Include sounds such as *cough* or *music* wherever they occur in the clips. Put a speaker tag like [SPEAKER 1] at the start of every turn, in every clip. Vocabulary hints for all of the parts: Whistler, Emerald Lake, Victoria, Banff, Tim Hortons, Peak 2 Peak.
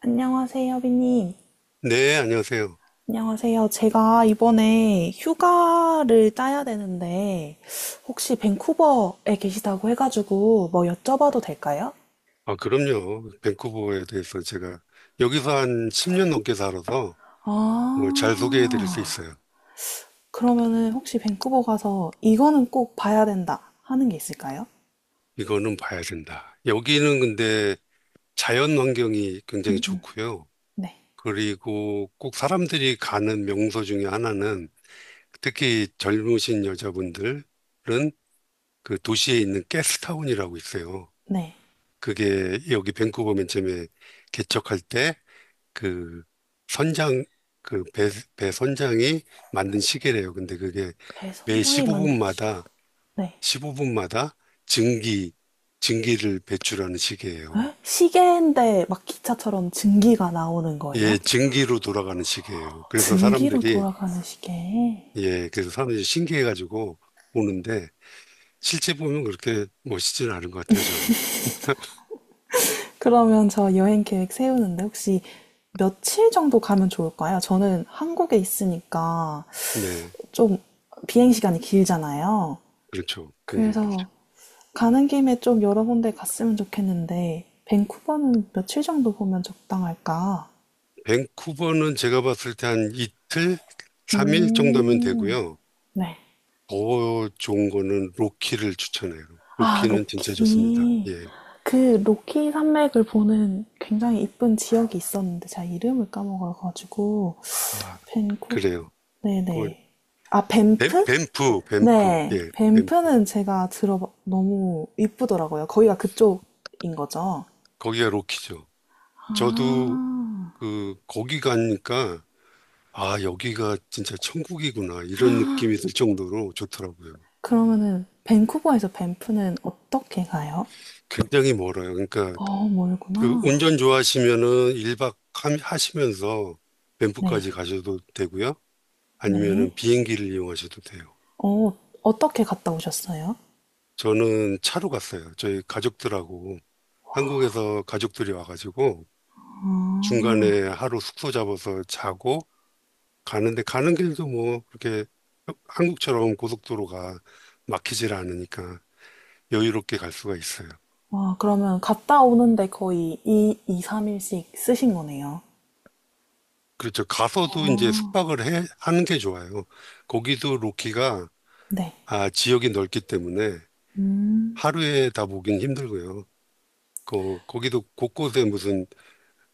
[SPEAKER 1] 안녕하세요, 비님.
[SPEAKER 2] 네, 안녕하세요.
[SPEAKER 1] 안녕하세요. 제가 이번에 휴가를 따야 되는데, 혹시 밴쿠버에 계시다고 해가지고 뭐 여쭤봐도 될까요?
[SPEAKER 2] 아, 그럼요. 밴쿠버에 대해서 제가 여기서 한 10년 넘게 살아서 뭘 잘 소개해 드릴 수
[SPEAKER 1] 아,
[SPEAKER 2] 있어요.
[SPEAKER 1] 그러면은 혹시 밴쿠버 가서 이거는 꼭 봐야 된다 하는 게 있을까요?
[SPEAKER 2] 이거는 봐야 된다. 여기는 근데 자연 환경이 굉장히 좋고요.
[SPEAKER 1] 네.
[SPEAKER 2] 그리고 꼭 사람들이 가는 명소 중에 하나는 특히 젊으신 여자분들은 그 도시에 있는 게스트타운이라고 있어요.
[SPEAKER 1] 네.
[SPEAKER 2] 그게 여기 밴쿠버 맨 처음에 개척할 때 그 선장, 그 배 선장이 만든 시계래요. 근데 그게 매
[SPEAKER 1] 배선장이 만든 시각.
[SPEAKER 2] 15분마다
[SPEAKER 1] 네.
[SPEAKER 2] 15분마다 증기 증기를 배출하는 시계예요.
[SPEAKER 1] 에? 시계인데 막 기차처럼 증기가 나오는 거예요?
[SPEAKER 2] 예, 증기로 돌아가는 시계예요. 그래서
[SPEAKER 1] 증기로
[SPEAKER 2] 사람들이
[SPEAKER 1] 돌아가는 시계.
[SPEAKER 2] 예, 그래서 사람들이 신기해가지고 오는데 실제 보면 그렇게 멋있진 않은 것 같아요. 저는.
[SPEAKER 1] 그러면 저 여행 계획 세우는데 혹시 며칠 정도 가면 좋을까요? 저는 한국에 있으니까
[SPEAKER 2] 네,
[SPEAKER 1] 좀 비행 시간이 길잖아요.
[SPEAKER 2] 그렇죠. 굉장히 길죠.
[SPEAKER 1] 그래서 가는 김에 좀 여러 군데 갔으면 좋겠는데, 밴쿠버는 며칠 정도 보면 적당할까?
[SPEAKER 2] 밴쿠버는 제가 봤을 때 한 이틀, 3일 정도면
[SPEAKER 1] 음,
[SPEAKER 2] 되고요.
[SPEAKER 1] 네.
[SPEAKER 2] 더 좋은 거는 로키를 추천해요.
[SPEAKER 1] 아,
[SPEAKER 2] 로키는 진짜 좋습니다.
[SPEAKER 1] 로키.
[SPEAKER 2] 예.
[SPEAKER 1] 그 로키 산맥을 보는 굉장히 이쁜 지역이 있었는데 제가 이름을 까먹어가지고
[SPEAKER 2] 아,
[SPEAKER 1] 밴쿠
[SPEAKER 2] 그래요. 그
[SPEAKER 1] 네네 아
[SPEAKER 2] 뱀,
[SPEAKER 1] 밴프?
[SPEAKER 2] 뱀프, 뱀프.
[SPEAKER 1] 네.
[SPEAKER 2] 예, 뱀프.
[SPEAKER 1] 밴프는 제가 들어 너무 이쁘더라고요. 거기가 그쪽인 거죠?
[SPEAKER 2] 거기가 로키죠. 저도
[SPEAKER 1] 아.
[SPEAKER 2] 그 거기 가니까 아, 여기가 진짜 천국이구나 이런 느낌이 들 정도로 좋더라고요.
[SPEAKER 1] 그러면은 밴쿠버에서 밴프는 어떻게 가요?
[SPEAKER 2] 굉장히 멀어요. 그러니까
[SPEAKER 1] 어,
[SPEAKER 2] 그
[SPEAKER 1] 멀구나.
[SPEAKER 2] 운전 좋아하시면은 1박 하시면서 뱀프까지
[SPEAKER 1] 네.
[SPEAKER 2] 가셔도 되고요.
[SPEAKER 1] 네.
[SPEAKER 2] 아니면은 비행기를 이용하셔도 돼요.
[SPEAKER 1] 어, 어떻게 갔다 오셨어요?
[SPEAKER 2] 저는 차로 갔어요. 저희 가족들하고 한국에서 가족들이 와가지고 중간에 하루 숙소 잡아서 자고 가는데, 가는 길도 뭐 그렇게 한국처럼 고속도로가 막히질 않으니까 여유롭게 갈 수가 있어요.
[SPEAKER 1] 와, 그러면 갔다 오는데 거의 2, 이 3일씩 쓰신 거네요.
[SPEAKER 2] 그렇죠. 가서도 이제 숙박을 하는 게 좋아요. 거기도 로키가
[SPEAKER 1] 네.
[SPEAKER 2] 아, 지역이 넓기 때문에 하루에 다 보긴 힘들고요. 거기도 곳곳에 무슨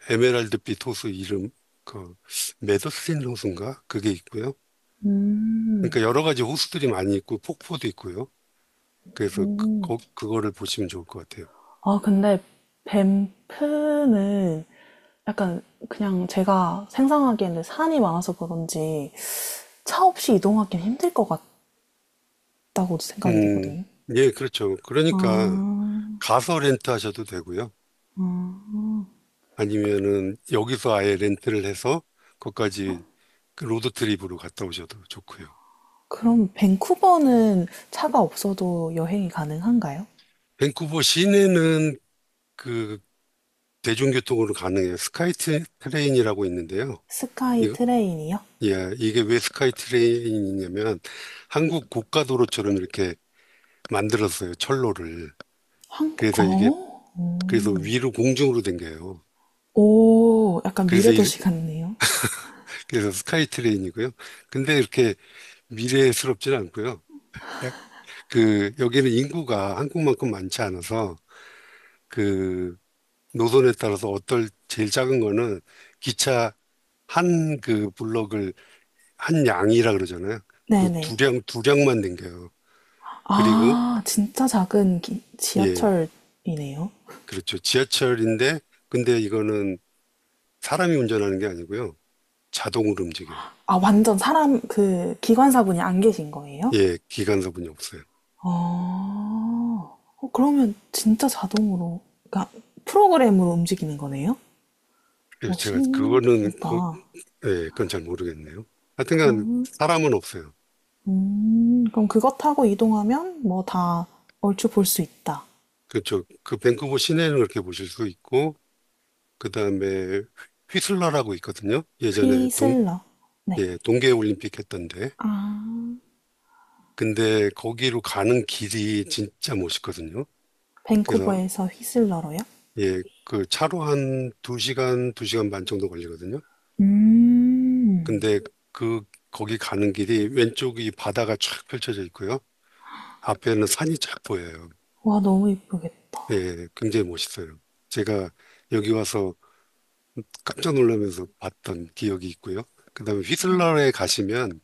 [SPEAKER 2] 에메랄드빛 호수 이름, 그, 메더스틴 호수인가? 그게 있고요.
[SPEAKER 1] 음.
[SPEAKER 2] 그러니까 여러 가지 호수들이 많이 있고 폭포도 있고요. 그래서 그거를 보시면 좋을 것 같아요.
[SPEAKER 1] 아, 근데 밴프는 약간 그냥 제가 생각하기에는 산이 많아서 그런지 차 없이 이동하기는 힘들 것 같다고 생각이
[SPEAKER 2] 음,
[SPEAKER 1] 되거든요.
[SPEAKER 2] 예, 그렇죠.
[SPEAKER 1] 아,
[SPEAKER 2] 그러니까 가서 렌트 하셔도 되고요. 아니면은 여기서 아예 렌트를 해서 거기까지 그 로드 트립으로 갔다 오셔도 좋고요.
[SPEAKER 1] 그럼 밴쿠버는 차가 없어도 여행이 가능한가요?
[SPEAKER 2] 밴쿠버 시내는 그 대중교통으로 가능해요. 스카이 트- 트레인이라고 있는데요.
[SPEAKER 1] 스카이
[SPEAKER 2] 이,
[SPEAKER 1] 트레인이요?
[SPEAKER 2] 예, 이게 왜 스카이 트레인이냐면 한국 고가도로처럼 이렇게 만들었어요. 철로를.
[SPEAKER 1] 한국,
[SPEAKER 2] 그래서 이게,
[SPEAKER 1] 어?
[SPEAKER 2] 그래서 위로 공중으로 댕겨요.
[SPEAKER 1] 오, 약간
[SPEAKER 2] 그래서 이-
[SPEAKER 1] 미래도시 같네요.
[SPEAKER 2] 그래서 스카이 트레인이고요. 근데 이렇게 미래스럽진 않고요. 약- 그 여기는 인구가 한국만큼 많지 않아서 그 노선에 따라서 어떨 제일 작은 거는 기차 한 그 블럭을 한 양이라 그러잖아요. 그
[SPEAKER 1] 네네.
[SPEAKER 2] 두량 두량만 댕겨요. 그리고
[SPEAKER 1] 아, 진짜 작은
[SPEAKER 2] 예,
[SPEAKER 1] 지하철이네요.
[SPEAKER 2] 그렇죠. 지하철인데 근데 이거는 사람이 운전하는 게 아니고요, 자동으로 움직여요.
[SPEAKER 1] 아, 완전 사람, 그, 기관사분이 안 계신 거예요?
[SPEAKER 2] 예, 기관사분이 없어요.
[SPEAKER 1] 아... 어, 그러면 진짜 자동으로, 그러니까 프로그램으로 움직이는 거네요?
[SPEAKER 2] 예,
[SPEAKER 1] 어,
[SPEAKER 2] 제가 그거는 그,
[SPEAKER 1] 신기하다.
[SPEAKER 2] 예, 그건 잘 모르겠네요. 하여튼간
[SPEAKER 1] 그럼,
[SPEAKER 2] 사람은 없어요.
[SPEAKER 1] 그럼 그것 타고 이동하면 뭐 다 얼추 볼 수 있다.
[SPEAKER 2] 그쪽 그 밴쿠버 시내는 그렇게 보실 수 있고 그다음에 휘슬러라고 있거든요. 예전에 동
[SPEAKER 1] 휘슬러. 네.
[SPEAKER 2] 예, 동계 올림픽 했던데.
[SPEAKER 1] 아,
[SPEAKER 2] 근데 거기로 가는 길이 진짜 멋있거든요. 그래서
[SPEAKER 1] 밴쿠버에서 휘슬러로요?
[SPEAKER 2] 예, 그 차로 한 두시간두시간반 정도 걸리거든요.
[SPEAKER 1] 음,
[SPEAKER 2] 근데 그 거기 가는 길이 왼쪽이 바다가 쫙 펼쳐져 있고요. 앞에는 산이 쫙 보여요.
[SPEAKER 1] 와, 너무 이쁘겠다.
[SPEAKER 2] 예, 굉장히 멋있어요. 제가 여기 와서 깜짝 놀라면서 봤던 기억이 있고요. 그다음에 휘슬러에 가시면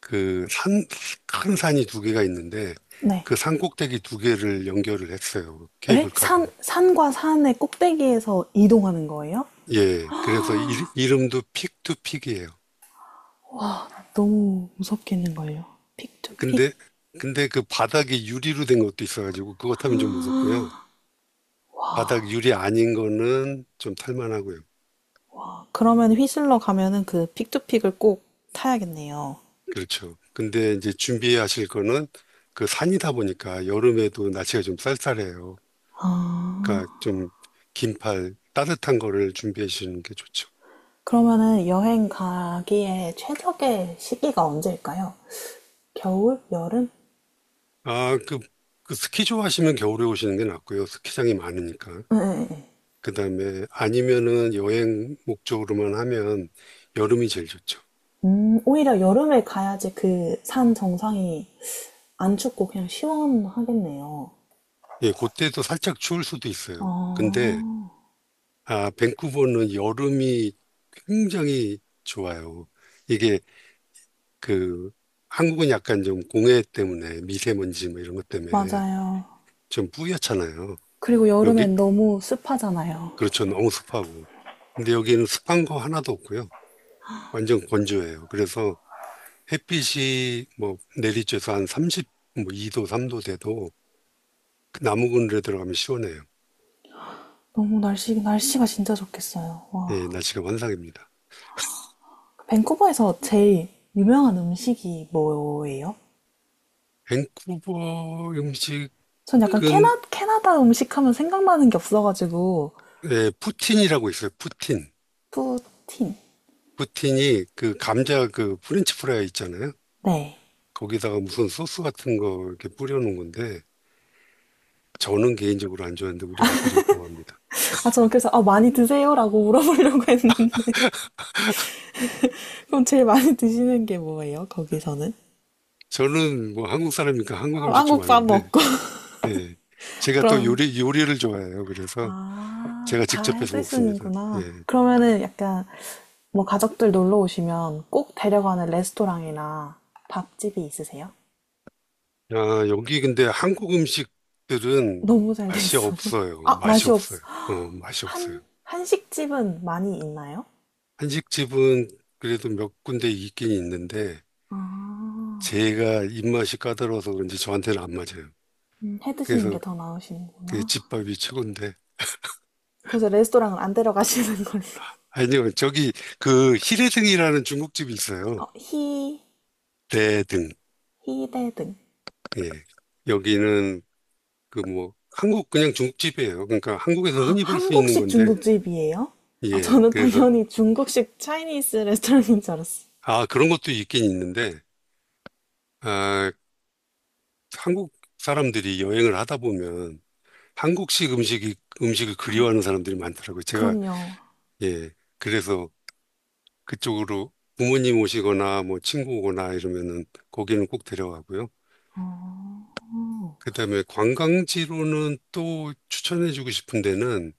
[SPEAKER 2] 그 산, 큰 산이 두 개가 있는데
[SPEAKER 1] 네.
[SPEAKER 2] 그 산 꼭대기 두 개를 연결을 했어요.
[SPEAKER 1] 에? 산,
[SPEAKER 2] 케이블카로.
[SPEAKER 1] 산과 산의 꼭대기에서 이동하는 거예요?
[SPEAKER 2] 예, 그래서 이, 이름도 픽투픽이에요.
[SPEAKER 1] 너무 무섭겠는걸요. 픽투픽.
[SPEAKER 2] 근데, 근데 그 바닥이 유리로 된 것도 있어가지고 그것 하면 좀 무섭고요. 바닥 유리 아닌 거는 좀 탈만하고요.
[SPEAKER 1] 아, 그러면 휘슬러 가면은 그 픽투픽을 꼭 타야겠네요.
[SPEAKER 2] 그렇죠. 근데 이제 준비하실 거는 그 산이다 보니까 여름에도 날씨가 좀 쌀쌀해요. 그러니까 좀 긴팔 따뜻한 거를 준비해 주시는 게 좋죠.
[SPEAKER 1] 그러면은 여행 가기에 최적의 시기가 언제일까요? 겨울? 여름?
[SPEAKER 2] 아, 그, 그 스키 좋아하시면 겨울에 오시는 게 낫고요. 스키장이 많으니까.
[SPEAKER 1] 네, 네, 네.
[SPEAKER 2] 그다음에 아니면은 여행 목적으로만 하면 여름이 제일 좋죠.
[SPEAKER 1] 오히려 여름에 가야지 그 산 정상이 안 춥고 그냥 시원하겠네요.
[SPEAKER 2] 예, 그때도 살짝 추울 수도 있어요. 근데
[SPEAKER 1] 아,
[SPEAKER 2] 아, 밴쿠버는 여름이 굉장히 좋아요. 이게 그 한국은 약간 좀 공해 때문에 미세먼지 뭐 이런 것 때문에
[SPEAKER 1] 맞아요.
[SPEAKER 2] 좀 뿌옇잖아요.
[SPEAKER 1] 그리고
[SPEAKER 2] 여기
[SPEAKER 1] 여름엔 너무 습하잖아요.
[SPEAKER 2] 그렇죠. 너무 습하고. 근데 여기는 습한 거 하나도 없고요. 완전 건조해요. 그래서 햇빛이 뭐 내리쬐서 한3십뭐 2도, 3도 돼도 그 나무 그늘에 들어가면 시원해요.
[SPEAKER 1] 너무 날씨, 날씨가 진짜 좋겠어요.
[SPEAKER 2] 예,
[SPEAKER 1] 와.
[SPEAKER 2] 날씨가 환상입니다.
[SPEAKER 1] 밴쿠버에서 제일 유명한 음식이 뭐예요?
[SPEAKER 2] 밴쿠버 음식은
[SPEAKER 1] 전 약간 캐나다 음식 하면 생각나는 게 없어가지고,
[SPEAKER 2] 예, 푸틴이라고 있어요. 푸틴.
[SPEAKER 1] 푸틴.
[SPEAKER 2] 푸틴이 그 감자 그 프렌치 프라이 있잖아요.
[SPEAKER 1] 네.
[SPEAKER 2] 거기다가 무슨 소스 같은 거 이렇게 뿌려놓은 건데 저는 개인적으로 안 좋아하는데 우리 아들이 좋아합니다.
[SPEAKER 1] 아, 저 그래서 아, 많이 드세요라고 물어보려고 했는데 *laughs* 그럼 제일 많이 드시는 게 뭐예요? 거기서는?
[SPEAKER 2] 저는 뭐 한국 사람이니까 한국
[SPEAKER 1] 아,
[SPEAKER 2] 음식
[SPEAKER 1] 한국밥
[SPEAKER 2] 좋아하는데
[SPEAKER 1] 먹고
[SPEAKER 2] 예.
[SPEAKER 1] *laughs*
[SPEAKER 2] 제가 또
[SPEAKER 1] 그럼
[SPEAKER 2] 요리를 좋아해요. 그래서
[SPEAKER 1] 아,
[SPEAKER 2] 제가
[SPEAKER 1] 다
[SPEAKER 2] 직접
[SPEAKER 1] 해
[SPEAKER 2] 해서 먹습니다.
[SPEAKER 1] 드시는구나.
[SPEAKER 2] 예.
[SPEAKER 1] 그러면은 약간 뭐 가족들 놀러 오시면 꼭 데려가는 레스토랑이나 밥집이 있으세요?
[SPEAKER 2] 아, 여기 근데 한국 음식들은
[SPEAKER 1] 너무 잘 돼
[SPEAKER 2] 맛이
[SPEAKER 1] 있어요.
[SPEAKER 2] 없어요.
[SPEAKER 1] 아,
[SPEAKER 2] 맛이
[SPEAKER 1] 맛이
[SPEAKER 2] 없어요.
[SPEAKER 1] 없어.
[SPEAKER 2] 어, 맛이 없어요.
[SPEAKER 1] 한 한식집은 많이 있나요?
[SPEAKER 2] 한식집은 그래도 몇 군데 있긴 있는데
[SPEAKER 1] 아,
[SPEAKER 2] 제가 입맛이 까다로워서 그런지 저한테는 안 맞아요.
[SPEAKER 1] 해 드시는
[SPEAKER 2] 그래서
[SPEAKER 1] 게 더
[SPEAKER 2] 그
[SPEAKER 1] 나으시는구나.
[SPEAKER 2] 집밥이 최고인데
[SPEAKER 1] 그래서 레스토랑은 안 데려가시는 *laughs* 걸로.
[SPEAKER 2] 아니요, 저기 그 히레등이라는 중국집이
[SPEAKER 1] 어,
[SPEAKER 2] 있어요.
[SPEAKER 1] 히...
[SPEAKER 2] 대등.
[SPEAKER 1] 희대 등.
[SPEAKER 2] 예. 여기는 그 뭐 한국 그냥 중국집이에요. 그러니까 한국에서
[SPEAKER 1] 아,
[SPEAKER 2] 흔히 볼 수 있는
[SPEAKER 1] 한국식
[SPEAKER 2] 건데
[SPEAKER 1] 중국집이에요? 아,
[SPEAKER 2] 예.
[SPEAKER 1] 저는
[SPEAKER 2] 그래서
[SPEAKER 1] 당연히 중국식 차이니스 레스토랑인 줄 알았어.
[SPEAKER 2] 아, 그런 것도 있긴 있는데 아, 한국 사람들이 여행을 하다 보면 한국식 음식이 음식을
[SPEAKER 1] 아,
[SPEAKER 2] 그리워하는 사람들이 많더라고요. 제가.
[SPEAKER 1] 그럼요.
[SPEAKER 2] 예. 그래서 그쪽으로 부모님 오시거나 뭐 친구 오거나 이러면은 거기는 꼭 데려가고요.
[SPEAKER 1] 어,
[SPEAKER 2] 그다음에 관광지로는 또 추천해주고 싶은 데는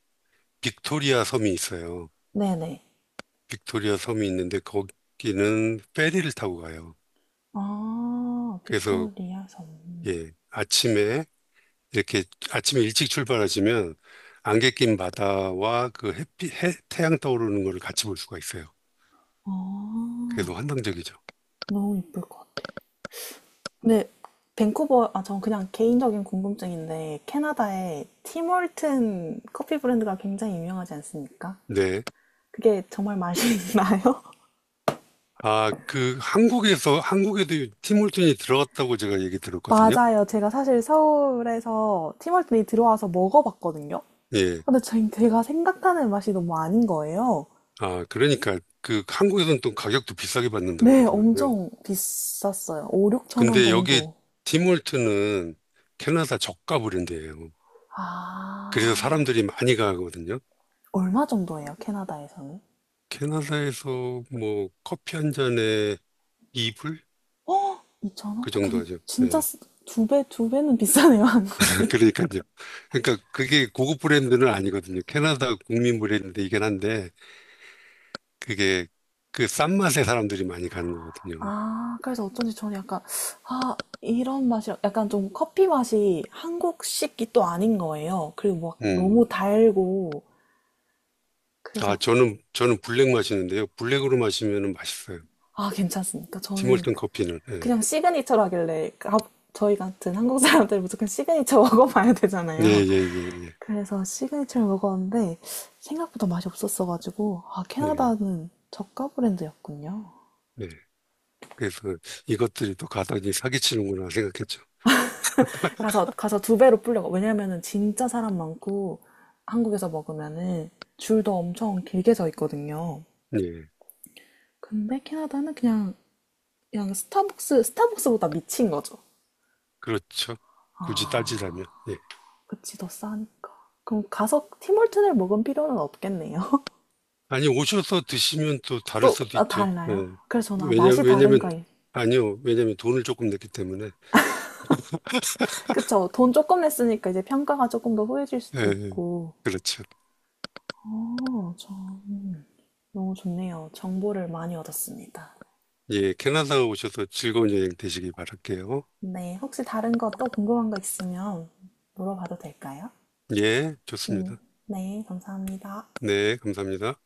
[SPEAKER 2] 빅토리아 섬이 있어요.
[SPEAKER 1] 네네.
[SPEAKER 2] 빅토리아 섬이 있는데 거기는 페리를 타고 가요.
[SPEAKER 1] 아,
[SPEAKER 2] 그래서
[SPEAKER 1] 빅토리아 섬.
[SPEAKER 2] 예, 아침에 이렇게 아침에 일찍 출발하시면 안개 낀 바다와 그 햇빛, 해, 태양 떠오르는 거를 같이 볼 수가 있어요.
[SPEAKER 1] 아,
[SPEAKER 2] 그래서 환상적이죠.
[SPEAKER 1] 너무 이쁠 것 같아요. 근데 밴쿠버, 아, 전 그냥 개인적인 궁금증인데, 캐나다에 티몰튼 커피 브랜드가 굉장히 유명하지 않습니까?
[SPEAKER 2] 네.
[SPEAKER 1] 그게 정말 맛이 *laughs* 나요?
[SPEAKER 2] 아, 그 한국에서 한국에도 티몰튼이 들어갔다고 제가 얘기 들었거든요.
[SPEAKER 1] 맞아요. 제가 사실 서울에서 팀월드에 들어와서 먹어봤거든요.
[SPEAKER 2] 예.
[SPEAKER 1] 근데 제가 생각하는 맛이 너무 아닌 거예요.
[SPEAKER 2] 아, 그러니까 그 한국에서는 또 가격도 비싸게 받는다
[SPEAKER 1] 네,
[SPEAKER 2] 그러더라고요.
[SPEAKER 1] 엄청 비쌌어요. 5, 6천 원
[SPEAKER 2] 근데 여기
[SPEAKER 1] 정도.
[SPEAKER 2] 팀월트는 캐나다 저가 브랜드예요. 그래서
[SPEAKER 1] 아,
[SPEAKER 2] 사람들이 많이 가거든요.
[SPEAKER 1] 얼마 정도예요, 캐나다에서는?
[SPEAKER 2] 캐나다에서 뭐 커피 한 잔에 이불?
[SPEAKER 1] 2천 원?
[SPEAKER 2] 그
[SPEAKER 1] 어,
[SPEAKER 2] 정도 하죠.
[SPEAKER 1] 진짜
[SPEAKER 2] 예.
[SPEAKER 1] 쓰- 두 배, 두 배는 비싸네요, *laughs*
[SPEAKER 2] *laughs*
[SPEAKER 1] 한국이.
[SPEAKER 2] 그러니까요. 그러니까 그게 고급 브랜드는 아니거든요. 캐나다 국민 브랜드이긴 한데 그게 그 싼 맛에 사람들이 많이 가는 거거든요.
[SPEAKER 1] 아, 그래서 어쩐지 저는 약간, 아, 이런 맛이, 약간 좀 커피 맛이 한국식이 또 아닌 거예요. 그리고 막
[SPEAKER 2] 음.
[SPEAKER 1] 너무 달고,
[SPEAKER 2] 아,
[SPEAKER 1] 그래서
[SPEAKER 2] 저는 블랙 마시는데요. 블랙으로 마시면 맛있어요.
[SPEAKER 1] 아, 괜찮습니까? 저는
[SPEAKER 2] 팀월튼 커피는. 예.
[SPEAKER 1] 그냥 시그니처로 하길래 아, 저희 같은 한국 사람들 무조건 시그니처 *laughs* 먹어봐야
[SPEAKER 2] 네,
[SPEAKER 1] 되잖아요.
[SPEAKER 2] 예, 예, 예.
[SPEAKER 1] 그래서 시그니처를 먹었는데 생각보다 맛이 없었어가지고 아,
[SPEAKER 2] 네,
[SPEAKER 1] 캐나다는 저가 브랜드였군요.
[SPEAKER 2] 네. 그래서 이것들이 또 가당이 사기치는구나 생각했죠.
[SPEAKER 1] 가서 두 배로 불려가. 왜냐면은 진짜 사람 많고 한국에서 먹으면은 줄도 엄청 길게 서 있거든요.
[SPEAKER 2] 예,
[SPEAKER 1] 근데 캐나다는 그냥 그냥 스타벅스보다 미친 거죠.
[SPEAKER 2] 그렇죠. 굳이
[SPEAKER 1] 아.
[SPEAKER 2] 따지라면. 예.
[SPEAKER 1] 그치, 더 싸니까. 그럼 가서 티몰튼을 먹은 필요는 없겠네요. *laughs*
[SPEAKER 2] 아니, 오셔서 드시면 또 다를
[SPEAKER 1] 또,
[SPEAKER 2] 수도
[SPEAKER 1] 아,
[SPEAKER 2] 있죠. 예.
[SPEAKER 1] 달라요? 그래서 저는 아,
[SPEAKER 2] 왜냐,
[SPEAKER 1] 맛이
[SPEAKER 2] 왜냐면,
[SPEAKER 1] 다른가. 이-
[SPEAKER 2] 아니요. 왜냐면 돈을 조금 냈기 때문에. *laughs*
[SPEAKER 1] 그쵸. 돈 조금 냈으니까 이제 평가가 조금 더 후해질
[SPEAKER 2] 예,
[SPEAKER 1] 수도
[SPEAKER 2] 예.
[SPEAKER 1] 있고.
[SPEAKER 2] 그렇죠.
[SPEAKER 1] 어, 참. 너무 좋네요. 정보를 많이 얻었습니다.
[SPEAKER 2] 예, 캐나다 오셔서 즐거운 여행 되시기 바랄게요.
[SPEAKER 1] 네. 혹시 다른 거 또 궁금한 거 있으면 물어봐도 될까요?
[SPEAKER 2] 예,
[SPEAKER 1] 음,
[SPEAKER 2] 좋습니다.
[SPEAKER 1] 네. 감사합니다.
[SPEAKER 2] 네, 감사합니다.